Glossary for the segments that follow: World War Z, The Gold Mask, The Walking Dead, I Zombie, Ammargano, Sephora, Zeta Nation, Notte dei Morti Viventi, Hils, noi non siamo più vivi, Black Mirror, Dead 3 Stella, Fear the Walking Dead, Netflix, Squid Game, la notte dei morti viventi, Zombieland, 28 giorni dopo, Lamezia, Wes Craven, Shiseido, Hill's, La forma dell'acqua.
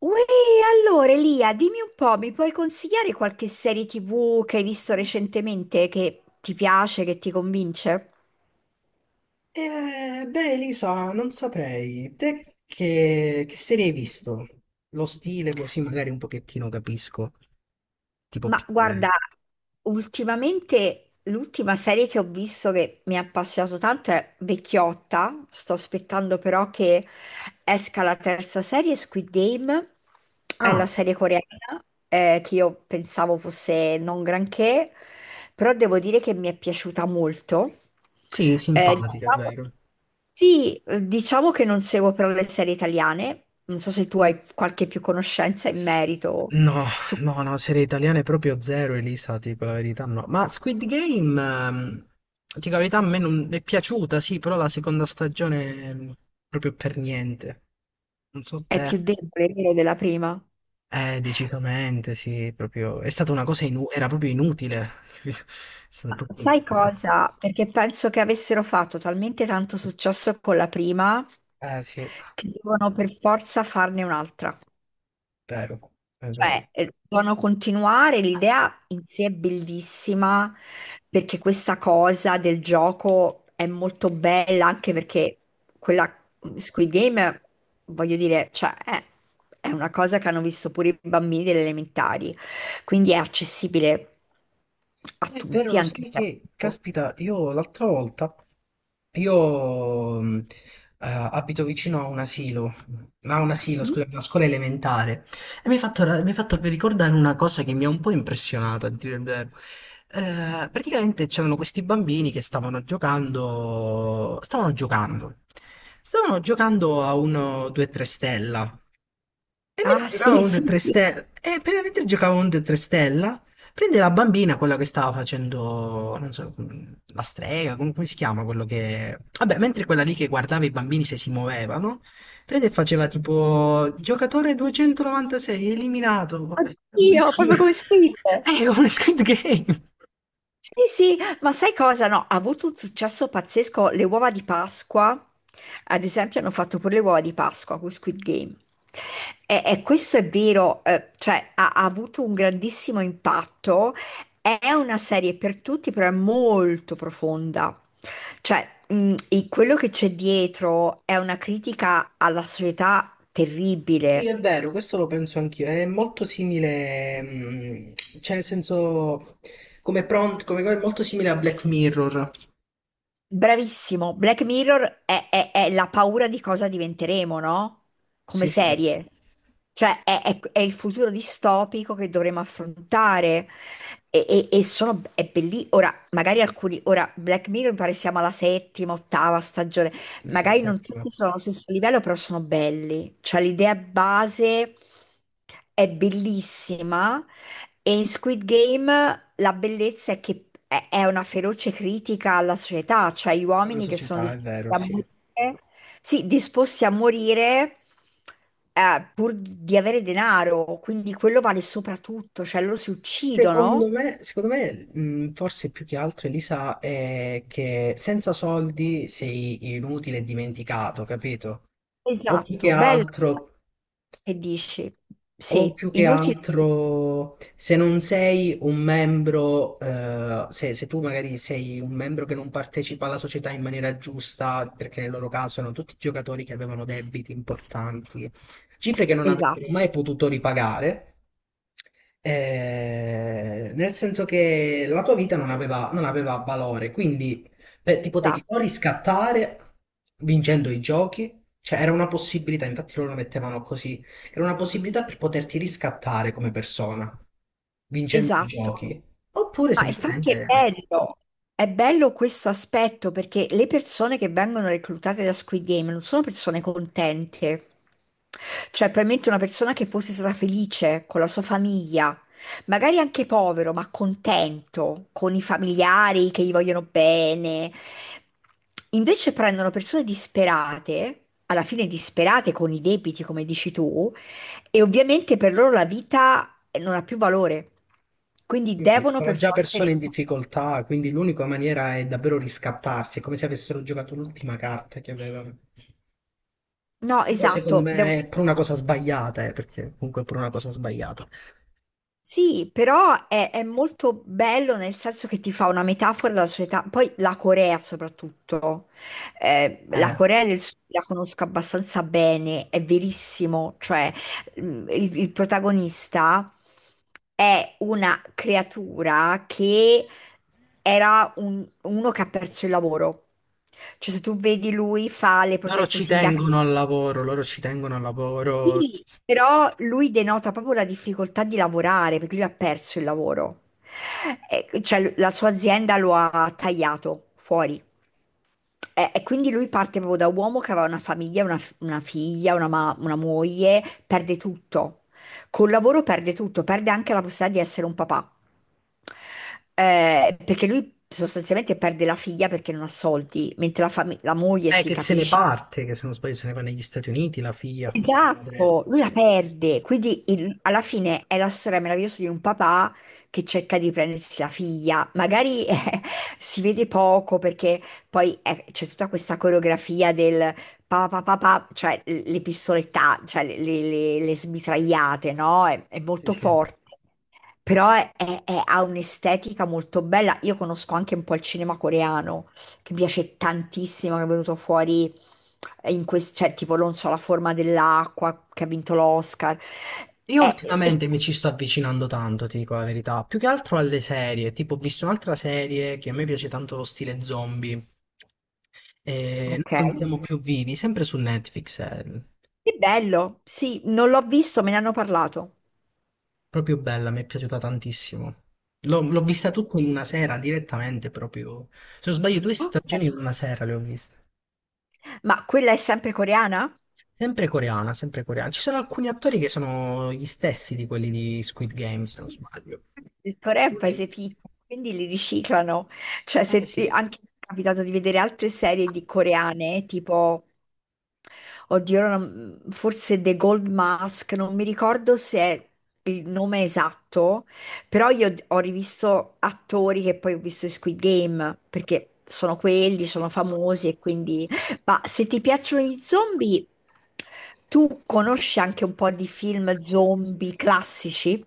Uè, allora Elia, dimmi un po', mi puoi consigliare qualche serie TV che hai visto recentemente che ti piace, che ti convince? Beh, Elisa, non saprei. Te che serie hai visto? Lo stile così magari un pochettino capisco. Tipo Ma più guarda, bene. ultimamente l'ultima serie che ho visto che mi ha appassionato tanto è Vecchiotta. Sto aspettando però che esca la terza serie, Squid Game, è Ah, la serie coreana che io pensavo fosse non granché, però devo dire che mi è piaciuta molto. sì, Eh, simpatica, è diciamo- vero. sì, diciamo che non seguo però le serie italiane, non so se tu hai qualche più conoscenza in merito. No, Su no, no, serie italiane proprio zero, Elisa, ti dico la verità, no. Ma Squid Game, ti dico la verità, a me non è piaciuta, sì, però la seconda stagione proprio per niente. Non so è te. più debole, vero, della prima. Decisamente, sì, proprio. È stata una cosa era proprio inutile. È stata Ma proprio sai inutile. cosa? Perché penso che avessero fatto talmente tanto successo con la prima Eh sì, è che devono per forza farne un'altra. vero, è vero. Cioè, devono continuare, l'idea in sé è bellissima perché questa cosa del gioco è molto bella anche perché quella Squid Game, voglio dire, è una cosa che hanno visto pure i bambini delle elementari, quindi è accessibile a È vero, tutti, lo anche sai se... che, caspita, io l'altra volta, io abito vicino a un asilo, Mhm. scusa, una scuola elementare, e mi hai fatto ricordare una cosa che mi ha un po' impressionato, a dire il vero. Praticamente c'erano questi bambini che stavano giocando a uno 2-3 stella, e mentre Ah, giocavamo sì, a un Dead sì, 3 sì. Stella, mentre giocavamo a un Dead 3 Stella, prende la bambina, quella che stava facendo, non so, la strega, come si chiama, quello che, vabbè, mentre quella lì che guardava i bambini se si muovevano, prende e faceva tipo, giocatore 296, eliminato, vabbè. Oddio, proprio come Squid. È come Squid Game. Sì, sì, ma sai cosa? No, ha avuto un successo pazzesco le uova di Pasqua. Ad esempio, hanno fatto pure le uova di Pasqua con Squid Game. E questo è vero, ha avuto un grandissimo impatto. È una serie per tutti, però è molto profonda. Cioè, e quello che c'è dietro è una critica alla società Sì, terribile. è vero, questo lo penso anch'io, è molto simile, cioè nel senso, come prompt, come cosa, è molto simile a Black Mirror. Bravissimo, Black Mirror è la paura di cosa diventeremo, no? Come Sì, sì, serie. È il futuro distopico che dovremo affrontare. È bellissimo. Ora, magari alcuni, ora, Black Mirror mi pare siamo alla settima, ottava stagione. sì, sì, Magari non settima. tutti sono allo stesso livello, però sono belli. Cioè, l'idea base è bellissima. E in Squid Game la bellezza è che è una feroce critica alla società, cioè gli Alla uomini che sono società, è disposti vero, a sì. morire, sì, disposti a morire pur di avere denaro, quindi quello vale soprattutto, cioè loro si Secondo uccidono. me, secondo me, forse più che altro Elisa è che senza soldi sei inutile e dimenticato, capito? O più che Esatto, bello altro. che dici. O Sì, più che inutile. altro, se non sei un membro, se tu magari sei un membro che non partecipa alla società in maniera giusta, perché nel loro caso erano tutti giocatori che avevano debiti importanti, cifre che non Esatto, avrebbero mai potuto ripagare, nel senso che la tua vita non aveva valore, quindi beh, ti potevi o esatto, riscattare vincendo i giochi, cioè era una possibilità, infatti loro lo mettevano così era una possibilità per poterti riscattare come persona, vincendo i esatto. giochi. Oppure Ma infatti semplicemente è bello questo aspetto perché le persone che vengono reclutate da Squid Game non sono persone contente. Cioè, probabilmente una persona che fosse stata felice con la sua famiglia, magari anche povero, ma contento con i familiari che gli vogliono bene. Invece prendono persone disperate, alla fine disperate con i debiti, come dici tu, e ovviamente per loro la vita non ha più valore, quindi sì, sì, devono sono per già forza... persone in difficoltà, quindi l'unica maniera è davvero riscattarsi, è come se avessero giocato l'ultima carta che avevano. No, E poi secondo esatto, devo... me è per una cosa sbagliata, perché comunque è per una cosa sbagliata. Sì, però è molto bello nel senso che ti fa una metafora della società, poi la Corea soprattutto, eh, la Eh, Corea del Sud la conosco abbastanza bene, è verissimo, cioè mm, il protagonista è una creatura che era uno che ha perso il lavoro, cioè se tu vedi lui fa le loro proteste ci sindacali. tengono al lavoro, loro ci tengono al lavoro. Sì, però lui denota proprio la difficoltà di lavorare perché lui ha perso il lavoro. E, cioè, la sua azienda lo ha tagliato fuori. E quindi lui parte proprio da uomo che aveva una famiglia, una figlia, una moglie, perde tutto. Col lavoro perde tutto, perde anche la possibilità di essere un papà. Perché lui sostanzialmente perde la figlia perché non ha soldi, mentre la moglie È si che se ne capisce. parte, che se non sbaglio se ne va negli Stati Uniti, la figlia, con la madre. Esatto, lui la perde, quindi alla fine è la storia meravigliosa di un papà che cerca di prendersi la figlia, magari si vede poco perché poi c'è tutta questa coreografia del papà papà, cioè le pistoletta, le smitragliate, no? È Sì, molto sì. forte. Però ha un'estetica molto bella. Io conosco anche un po' il cinema coreano, che mi piace tantissimo, che è venuto fuori in questo, cioè tipo, non so, La forma dell'acqua, che ha vinto l'Oscar. Io È- è- ultimamente mi ci sto avvicinando tanto, ti dico la verità, più che altro alle serie, tipo ho visto un'altra serie che a me piace tanto lo stile zombie, e noi ok, non siamo più vivi, sempre su Netflix, è che bello. Sì, non l'ho visto, me ne hanno parlato. proprio bella, mi è piaciuta tantissimo. L'ho vista tutta in una sera, direttamente proprio, se non sbaglio due Ok. stagioni in una sera le ho viste. Ma quella è sempre coreana? Sempre coreana, sempre coreana. Ci sono alcuni attori che sono gli stessi di quelli di Squid Game, se non sbaglio. Il Corea è un paese piccolo, quindi li riciclano. Cioè, Eh se sì. anche mi è capitato di vedere altre serie di coreane, tipo oddio, ora non- forse The Gold Mask, non mi ricordo se è il nome esatto, però io ho rivisto attori che poi ho visto in Squid Game, perché sono quelli, sono famosi e quindi... Ma se ti piacciono gli zombie, tu conosci anche un po' di film zombie classici?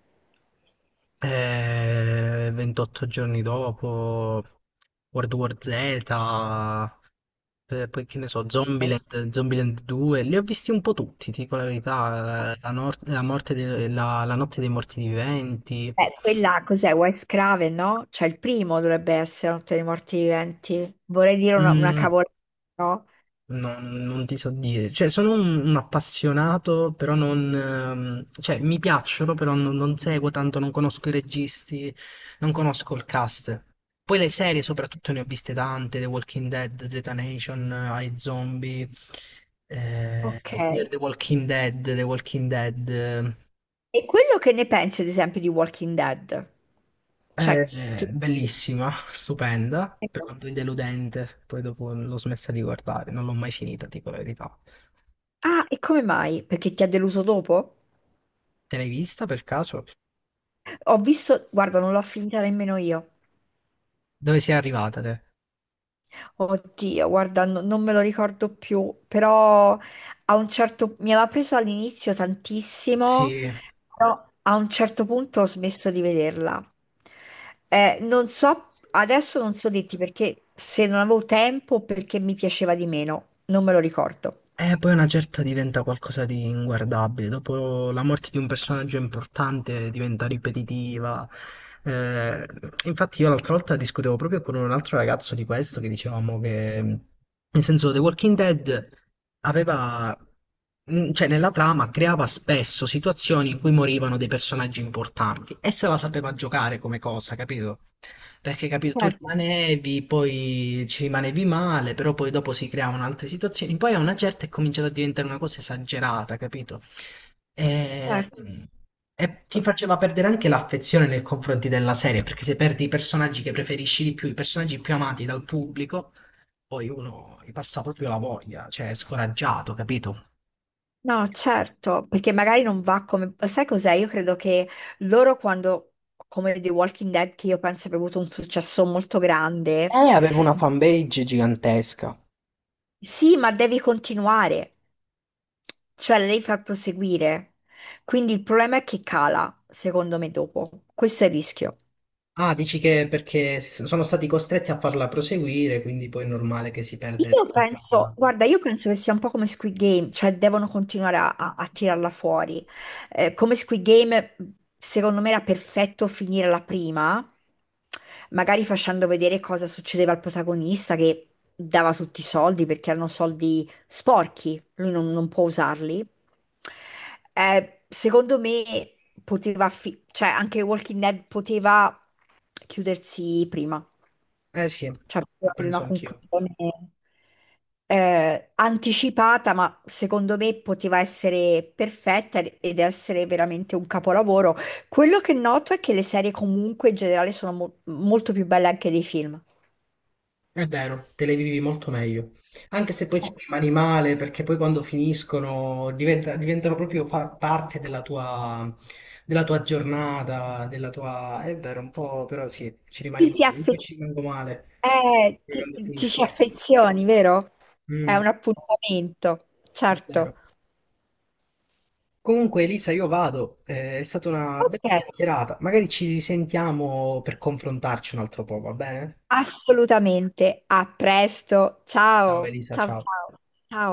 28 giorni dopo, World War Z, poi che ne so, Zombieland, Zombieland 2, li ho visti un po' tutti, ti dico la verità, la, nor- la morte de- la notte dei morti viventi. Quella cos'è? Wes Craven, no? Cioè il primo dovrebbe essere Notte dei Morti Viventi. Vorrei dire una Mm. cavolata, no? No, non ti so dire, cioè sono un appassionato, però non, cioè mi piacciono, però non seguo tanto, non conosco i registi, non conosco il cast. Poi le serie soprattutto ne ho viste tante, The Walking Dead, Zeta Nation, I Zombie, Fear Ok. the Walking Dead, The Walking Dead, E quello che ne pensi, ad esempio, di Walking Dead? Cioè, ti... bellissima, stupenda, però poi deludente, poi dopo l'ho smessa di guardare, non l'ho mai finita, dico la verità. Ah, e come mai? Perché ti ha deluso dopo? Te l'hai vista per caso? Ho visto, guarda, non l'ho finita nemmeno io. Dove sei arrivata te? Oddio, guarda, non me lo ricordo più, però a un certo mi aveva preso all'inizio tantissimo, Sì, però a un certo punto ho smesso di vederla. Non so, adesso non so dirti perché se non avevo tempo o perché mi piaceva di meno, non me lo ricordo. e poi una certa diventa qualcosa di inguardabile. Dopo la morte di un personaggio importante diventa ripetitiva. Eh, infatti io l'altra volta discutevo proprio con un altro ragazzo di questo che dicevamo che, nel senso, The Walking Dead aveva cioè nella trama creava spesso situazioni in cui morivano dei personaggi importanti e se la sapeva giocare come cosa, capito? Perché capito, tu Certo, rimanevi, poi ci rimanevi male, però poi dopo si creavano altre situazioni, poi a una certa è cominciata a diventare una cosa esagerata, capito? E, certo. e ti faceva perdere anche l'affezione nei confronti della serie, perché se perdi i personaggi che preferisci di più, i personaggi più amati dal pubblico, poi uno gli passa proprio la voglia, cioè è scoraggiato, capito? No, certo, perché magari non va come... Sai cos'è? Io credo che loro quando, come The Walking Dead, che io penso abbia avuto un successo molto grande, Aveva una fanpage gigantesca. sì, ma devi continuare, cioè la devi far proseguire. Quindi il problema è che cala, secondo me, dopo. Questo è il rischio. Ah, dici che perché sono stati costretti a farla proseguire, quindi poi è normale che si perde il Io penso, significato. guarda, io penso che sia un po' come Squid Game, cioè devono continuare a tirarla fuori. Come Squid Game, secondo me era perfetto finire la prima, magari facendo vedere cosa succedeva al protagonista che dava tutti i soldi perché erano soldi sporchi, lui non, non può usarli. Secondo me cioè anche Walking Dead poteva chiudersi prima Eh sì, cioè lo per penso una anch'io. conclusione anticipata, ma secondo me poteva essere perfetta ed essere veramente un capolavoro. Quello che noto è che le serie comunque in generale sono molto più belle anche dei film. È vero, te le vivi molto meglio. Anche se poi ci rimani male, perché poi quando finiscono diventano proprio parte della tua, giornata, della tua. È vero, un po', però sì, ci Ti rimani si male. Io poi affe- ci rimango male eh, poi quando ci si finiscono. affezioni, vero? È Mm, un appuntamento, è certo. vero. Comunque, Elisa, io vado. È stata una Ok, bella chiacchierata. Magari ci risentiamo per confrontarci un altro po', va bene? assolutamente. A presto. Ciao, Ciao, Elisa, ciao, ciao. ciao. Ciao.